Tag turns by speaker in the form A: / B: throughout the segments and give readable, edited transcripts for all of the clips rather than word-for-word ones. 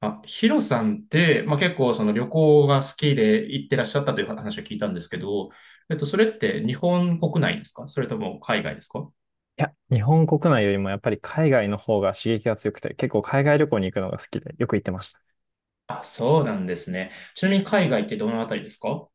A: あ、ヒロさんって、結構その旅行が好きで行ってらっしゃったという話を聞いたんですけど、それって日本国内ですか、それとも海外ですか？
B: いや、日本国内よりもやっぱり海外の方が刺激が強くて、結構海外旅行に行くのが好きで、よく行ってました。
A: あ、そうなんですね。ちなみに海外ってどのあたりですか？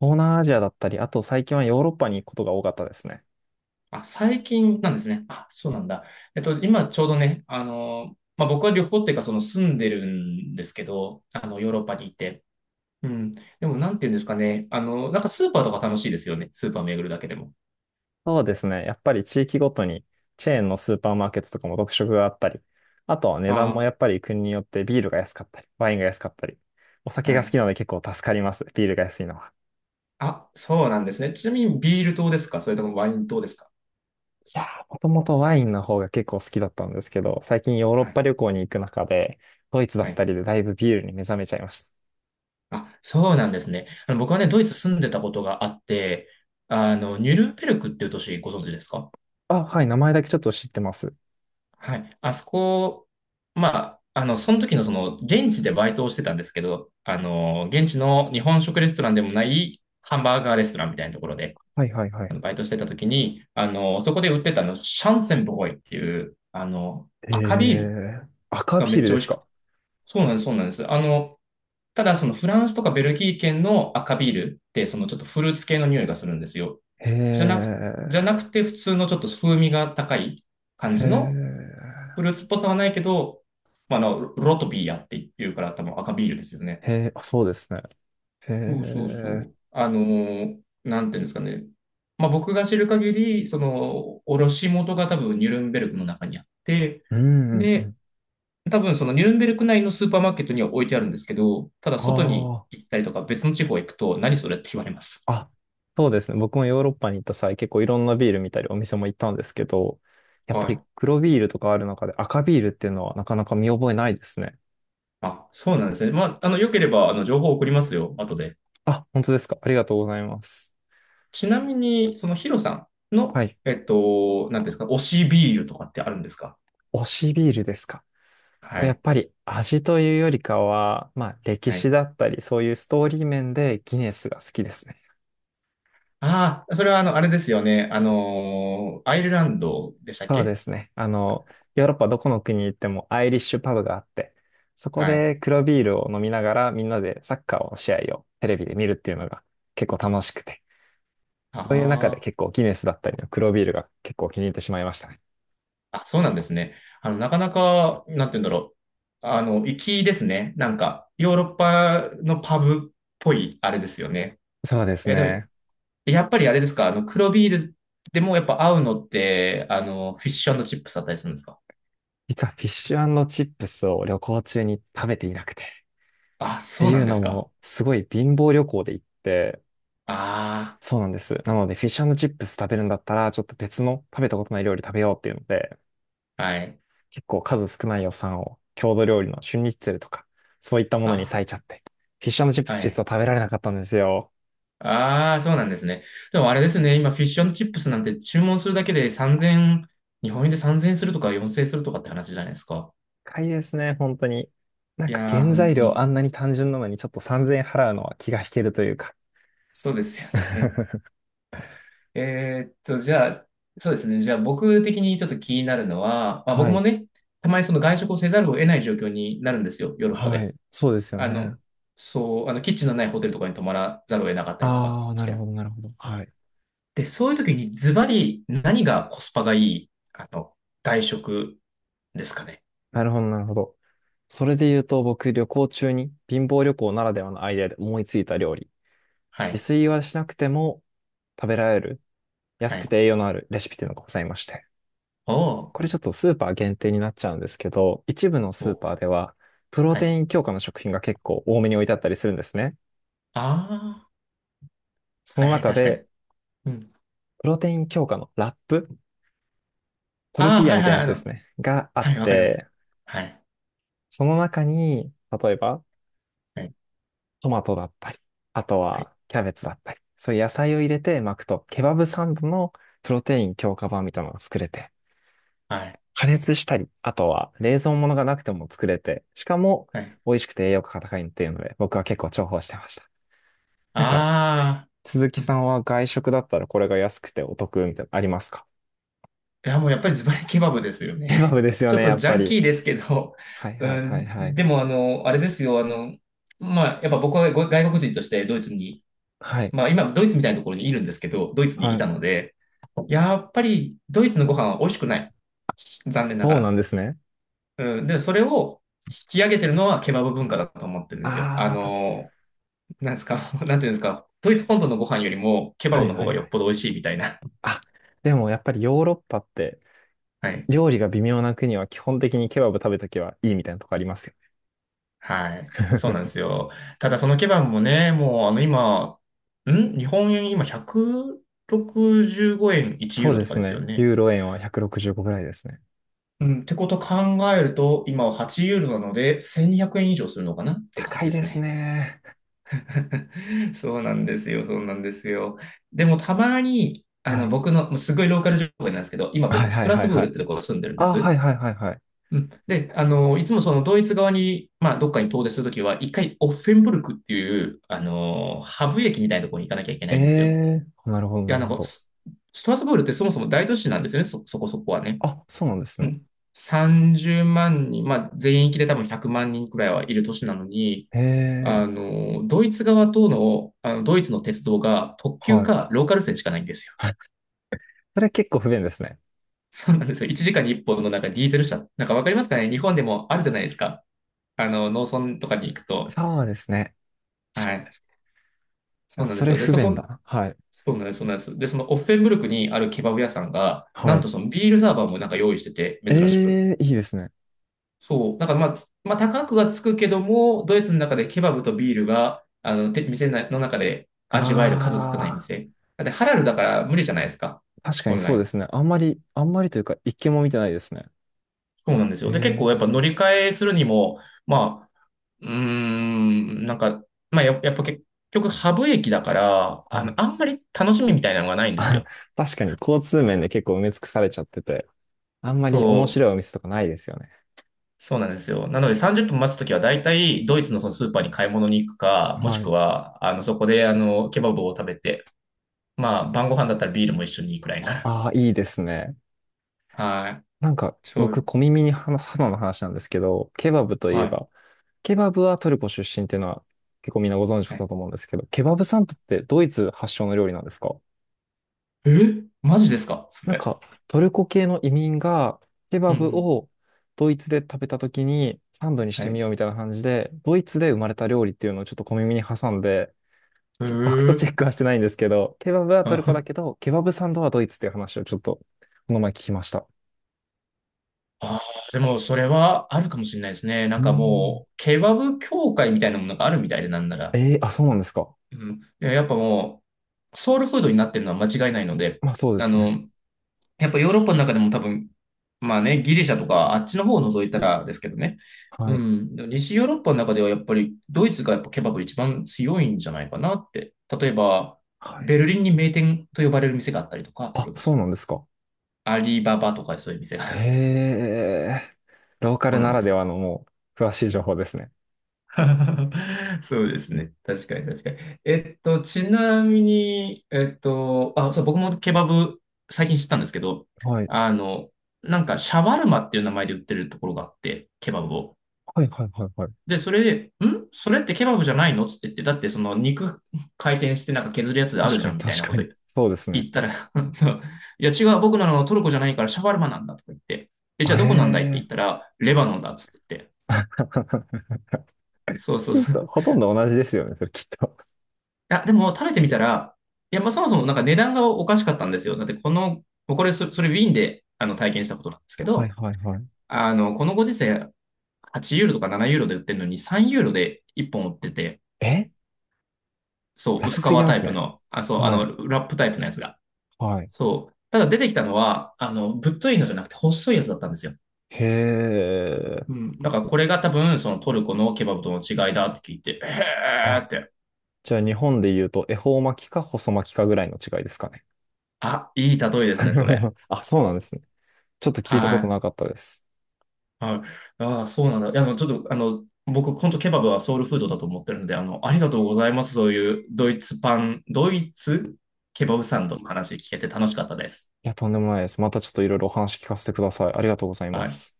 B: 東南アジアだったり、あと最近はヨーロッパに行くことが多かったですね。
A: あ、最近なんですね。あ、そうなんだ。今ちょうどね、僕は旅行っていうかその住んでるんですけど、ヨーロッパにいて。うん。でもなんていうんですかね。なんかスーパーとか楽しいですよね。スーパー巡るだけでも。
B: そうですね。やっぱり地域ごとにチェーンのスーパーマーケットとかも特色があったり、あとは値段もや
A: あ
B: っぱり国によってビールが安かったり、ワインが安かったり、お
A: あ、
B: 酒
A: は
B: が好き
A: い。
B: なので結構助かります。ビールが安いのは。
A: あ、そうなんですね。ちなみにビール島ですか、それともワイン島ですか？
B: いやー、もともとワインの方が結構好きだったんですけど、最近ヨーロッ
A: は
B: パ
A: い。
B: 旅行に行く中で、ドイツだ
A: は
B: った
A: い。
B: りでだいぶビールに目覚めちゃいました。
A: あ、そうなんですね。僕はね、ドイツ住んでたことがあって、ニュルンベルクっていう都市ご存知ですか？
B: あ、はい、名前だけちょっと知ってます。
A: はい。あそこ、その時の現地でバイトをしてたんですけど、現地の日本食レストランでもないハンバーガーレストランみたいなところで、
B: はいはいはい。
A: バイトしてた時に、そこで売ってたシャンツェンボーイっていう、赤ビール
B: えー、赤
A: が
B: ビ
A: め
B: ー
A: っ
B: ル
A: ちゃ
B: で
A: 美
B: す
A: 味しくて。
B: か？
A: そうなんです、そうなんです。ただ、フランスとかベルギー圏の赤ビールって、ちょっとフルーツ系の匂いがするんですよ。
B: へ
A: じゃなく、じゃ
B: え、
A: なくて、普通のちょっと風味が高い感
B: へ
A: じの、
B: え、
A: フルーツっぽさはないけど、ロロトビアっていうから多分赤ビールですよね。
B: へえ、あ、そうですね。へ
A: そうそう
B: え、
A: そう。なんていうんですかね。僕が知る限り、卸元が多分ニュルンベルクの中にあって、
B: うん、うん、う
A: で、
B: ん。
A: 多分そのニュルンベルク内のスーパーマーケットには置いてあるんですけど、ただ外に
B: あ
A: 行ったりとか別の地方行くと何それって言われま
B: あ、
A: す。
B: あ、そうですね。僕もヨーロッパに行った際、結構いろんなビール見たりお店も行ったんですけど、やっぱ
A: は
B: り
A: い。
B: 黒ビールとかある中で赤ビールっていうのはなかなか見覚えないですね。
A: あ、そうなんですね。良ければ、情報を送りますよ、後で。
B: あ、本当ですか。ありがとうございます。
A: ちなみに、そのヒロさん
B: は
A: の、
B: い。
A: なんていうんですか、推しビールとかってあるんですか？
B: 推しビールですか？
A: は
B: やっ
A: い。
B: ぱり味というよりかは、まあ歴
A: は
B: 史
A: い。
B: だったり、そういうストーリー面でギネスが好きですね。
A: ああ、それはあれですよね。アイルランドでしたっ
B: そう
A: け？
B: ですね。ヨーロッパどこの国に行ってもアイリッシュパブがあって、そこ
A: はい。
B: で黒ビールを飲みながらみんなでサッカーの試合をテレビで見るっていうのが結構楽しくて、
A: あ
B: そういう中で
A: あ。
B: 結構ギネスだったりの黒ビールが結構気に入ってしまいましたね。
A: あ、そうなんですね。なかなか、なんて言うんだろう。粋ですね。なんか、ヨーロッパのパブっぽい、あれですよね。
B: そうです
A: え、でも、
B: ね。
A: やっぱりあれですか、黒ビールでもやっぱ合うのって、フィッシュチップスだったりするんですか？
B: 実はフィッシュチップスを旅行中に食べていなくて、っ
A: あ、
B: て
A: そうな
B: い
A: ん
B: う
A: で
B: の
A: すか。
B: もすごい貧乏旅行で行って、
A: あ
B: そうなんです。なので、フィッシュチップス食べるんだったら、ちょっと別の食べたことない料理食べようっていうので、
A: あ、はい。
B: 結構数少ない予算を郷土料理の春日ツェルとか、そういったものに割い
A: あ、
B: ちゃって、フィッシュチップ
A: は
B: ス実
A: い。
B: は食べられなかったんですよ。
A: ああ、そうなんですね。でもあれですね、今、フィッシュチップスなんて注文するだけで3000、日本円で3000円するとか4000円するとかって話じゃないですか。
B: 高いですね、本当に。なん
A: い
B: か
A: やー、
B: 原
A: 本
B: 材
A: 当
B: 料
A: に。
B: あんなに単純なのにちょっと3000円払うのは気が引けるというか。
A: そうですよね。じゃあ、そうですね。じゃあ、僕的にちょっと気になるのは、僕
B: は
A: も
B: い。
A: ね、たまにその外食をせざるを得ない状況になるんですよ、ヨーロッパ
B: は
A: で。
B: い。そうですよ
A: あ
B: ね。
A: の、そう、キッチンのないホテルとかに泊まらざるを得なかったりとか
B: ああ、
A: し
B: なるほ
A: て。
B: ど、なるほど。はい。
A: で、そういう時にズバリ何がコスパがいい、外食ですかね？
B: なるほど、なるほど。それで言うと、僕、旅行中に貧乏旅行ならではのアイデアで思いついた料理
A: は
B: 自
A: い。
B: 炊はしなくても食べられる安
A: は
B: く
A: い。
B: て栄養のあるレシピっていうのがございまして。
A: おー。
B: これちょっとスーパー限定になっちゃうんですけど、一部の
A: お
B: スー
A: ー、
B: パーではプロ
A: は
B: テ
A: い。
B: イン強化の食品が結構多めに置いてあったりするんですね。
A: あ
B: そ
A: あ、はい
B: の
A: はい、
B: 中
A: 確かに。
B: で
A: うん。
B: プロテイン強化のラップ、トル
A: あ
B: テ
A: あ、
B: ィーヤ
A: はい
B: みたい
A: は
B: な
A: い、
B: やつですね、があ
A: は
B: っ
A: い、わかります。
B: て、
A: はい。
B: その中に例えば
A: はい。
B: トマトだったり、あと
A: はい。
B: はキャベツだったり、そういう野菜を入れて巻くとケバブサンドのプロテイン強化版みたいなのが作れて、
A: はい。
B: 加熱したり、あとは冷蔵物がなくても作れて、しかも
A: はい。
B: 美味しくて栄養価が高いっていうので、僕は結構重宝してました。なんか、
A: あ
B: 鈴
A: あ、う
B: 木さ
A: ん。
B: んは外食だったらこれが安くてお得みたいなのありますか？
A: いや、もうやっぱりズバリケバブですよね。
B: ケバブです よ
A: ちょっ
B: ね、や
A: と
B: っ
A: ジ
B: ぱ
A: ャン
B: り。
A: キーですけど、
B: はい
A: う
B: はいはい
A: ん、
B: はい。
A: でもあれですよ、やっぱ僕はご外国人としてドイツに、
B: はい。
A: 今ドイツみたいなところにいるんですけど、ドイツに
B: は
A: い
B: い。
A: たので、やっぱりドイツのご飯は美味しくない。残念なが
B: そうな
A: ら。
B: んですね。
A: うん、で、それを引き上げてるのはケバブ文化だと思ってるんですよ。
B: ああ、
A: なんですか、なんていうんですか、ドイツ本土のご飯よりもケバ
B: は
A: ブ
B: い
A: の方
B: はい
A: が
B: は
A: よっ
B: い。
A: ぽど美味しいみたいな。
B: あ、でもやっぱりヨーロッパって
A: はい。
B: 料理が微妙な国は基本的にケバブ食べときはいいみたいなとこありますよ
A: は
B: ね。
A: い。そうなんで すよ。ただそのケバブもね、もう今、日本円今165円、1ユ
B: そ
A: ー
B: う
A: ロ
B: で
A: とか
B: す
A: ですよ
B: ね。
A: ね。
B: ユーロ円は165ぐらいですね。
A: うん、ってこと考えると、今は8ユーロなので、1200円以上するのかなって感
B: 高
A: じ
B: い
A: で
B: で
A: す
B: す
A: ね。
B: ね。
A: そうなんですよ、そうなんですよ。でもたまに、
B: はい。
A: 僕の、もうすごいローカル情報なんですけど、今
B: はい
A: 僕、ス
B: は
A: ト
B: い
A: ラ
B: は
A: ス
B: い
A: ブー
B: は
A: ルっ
B: い。
A: てところに住んでるんで
B: あ、は
A: す。
B: いはいはいはい。
A: うん、で、いつもそのドイツ側に、どっかに遠出するときは、一回オッフェンブルクっていう、ハブ駅みたいなところに行かなきゃいけ
B: え
A: ないんですよ。い
B: えー、なるほど
A: や、
B: なる
A: なん
B: ほ
A: か
B: ど。
A: ストラスブールってそもそも大都市なんですよね、そこそこはね。
B: あ、そうなんです
A: う
B: ね。
A: ん。30万人、全域で多分100万人くらいはいる都市なのに、
B: ええ
A: ドイツ側との、ドイツの鉄道が特
B: ー、
A: 急
B: はい。
A: かローカル線しかないんですよ。
B: はい。それ結構不便ですね。
A: そうなんですよ。1時間に1本のなんかディーゼル車。なんかわかりますかね、日本でもあるじゃないですか。農村とかに行くと、
B: そうですね。し
A: は
B: かて
A: い。
B: る。
A: そう
B: あ、
A: なんで
B: そ
A: す
B: れ
A: よ。で、
B: 不便だな。はい。
A: そうなんです、そうなんです。で、そのオッフェンブルクにあるケバブ屋さんが、な
B: は
A: んと
B: い。
A: そのビールサーバーもなんか用意してて、珍しく。
B: ええー、いいですね。
A: そう。だからまあ、高くはつくけども、ドイツの中でケバブとビールが、店の中で味わえる数少ない
B: あ
A: 店。だってハラルだから無理じゃないですか。
B: あ、確かに
A: 本
B: そうで
A: 来。
B: すね。あんまり、あんまりというか、一件も見てないですね。
A: そうなんですよ。
B: へ
A: で、結構やっぱ乗
B: え、
A: り換えするにも、まあ、うーん、なんか、やっぱ結局ハブ駅だから、
B: はい。
A: あんまり楽しみみたいなのがないん です
B: あ、
A: よ。
B: 確かに交通面で結構埋め尽くされちゃってて、あんまり面
A: そ
B: 白いお
A: う。
B: 店とかないですよね。
A: そうなんですよ。なので30分待つときは大体ドイツのそのスーパーに買い物に行くか、もし
B: は
A: く
B: い。
A: はそこでケバブを食べて、晩ご飯だったらビールも一緒にいいくらいな。
B: ああ、いいですね。
A: はい。
B: なんか、
A: ち
B: 僕、
A: ょ、
B: 小耳に話す花の話なんですけど、ケバブといえ
A: はい。
B: ば、ケバブはトルコ出身っていうのは結構みんなご存知だ
A: はい。
B: と思うんですけど、ケバブサンドってドイツ発祥の料理なんですか？
A: えマジですかそ
B: なん
A: れ？
B: か、トルコ系の移民がケ
A: う
B: バ
A: んう
B: ブ
A: ん。
B: をドイツで食べた時にサンドにし
A: はい。
B: てみ
A: へ
B: ようみたいな感じで、ドイツで生まれた料理っていうのをちょっと小耳に挟んで、ちょっとファクトチ
A: ー
B: ェックはしてないんですけど、ケバブはトルコだ
A: あ
B: けど、ケバブサンドはドイツっていう話をちょっとこの前聞きました。
A: あー、でもそれはあるかもしれないですね。なん
B: うー
A: か
B: ん、
A: もう、ケバブ協会みたいなものがあるみたいでなんなら。
B: えー、あ、そうなんですか。
A: うん。いや、やっぱもう、ソウルフードになってるのは間違いないので、
B: まあそうで
A: あ
B: すね。
A: の、やっぱヨーロッパの中でも多分、まあね、ギリシャとかあっちの方を除いたらですけどね。う
B: はい。
A: ん。でも西ヨーロッパの中ではやっぱりドイツがやっぱケバブ一番強いんじゃないかなって。例えば、
B: はい。
A: ベルリンに名店と呼ばれる店があったりとか、そ
B: あ、
A: れこ
B: そ
A: そ
B: うなんですか。
A: アリババとかそういう店が。
B: へ え。ローカ
A: そ
B: ル
A: うな
B: な
A: んで
B: らで
A: すよ。
B: はのもう、詳しい情報ですね。
A: そうですね。確かに確かに。ちなみに、あ、そう、僕もケバブ最近知ったんですけど、
B: はい。
A: あの、なんかシャワルマっていう名前で売ってるところがあって、ケバブを。
B: はい、はい、はい、はい。
A: で、それで、それってケバブじゃないのつって言って、だってその肉回転してなんか削るやつであ
B: 確
A: るじ
B: か
A: ゃ
B: に、
A: んみたいな
B: 確
A: こ
B: か
A: と
B: に。そうです
A: 言
B: ね。
A: ったら、そう、いや違う、僕なのトルコじゃないからシャワルマなんだとか言って、え、
B: へ
A: じゃあどこなんだいって言った
B: え。
A: ら、レバノンだっつって言って、そうそ
B: ち
A: う
B: ょっ
A: そう。
B: と、ほとんど同じですよね、それきっと。
A: いや、でも食べてみたら、いや、そもそもなんか値段がおかしかったんですよ。だってこの、もうこれそ、それウィーンで体験したことなんですけ
B: はい、
A: ど、
B: はい、はい。
A: このご時世8ユーロとか7ユーロで売ってるのに3ユーロで1本売ってて、
B: え、
A: そう、
B: 安
A: 薄皮
B: すぎま
A: タ
B: す
A: イプ
B: ね。
A: の、あ、そう、
B: はい、
A: ラップタイプのやつが。
B: はい。
A: そう。ただ出てきたのは、ぶっといのじゃなくて細いやつだったんですよ。
B: へ
A: う
B: え。
A: ん、だからこれが多分そのトルコのケバブとの違いだって聞いて、えー
B: あ、
A: って、
B: じゃあ日本で言うと、恵方巻きか細巻きかぐらいの違いですかね。
A: あ、いい例えですね、それ。
B: あ、そうなんですね。ちょっと聞いたこ
A: は
B: となか
A: い。
B: ったです。
A: はい。ああ、そうなんだ。いや、ちょっと、僕、本当ケバブはソウルフードだと思ってるんで、ありがとうございます。そういうドイツケバブサンドの話聞けて楽しかったです。
B: いや、とんでもないです。またちょっといろいろお話聞かせてください。ありがとうございま
A: はい。
B: す。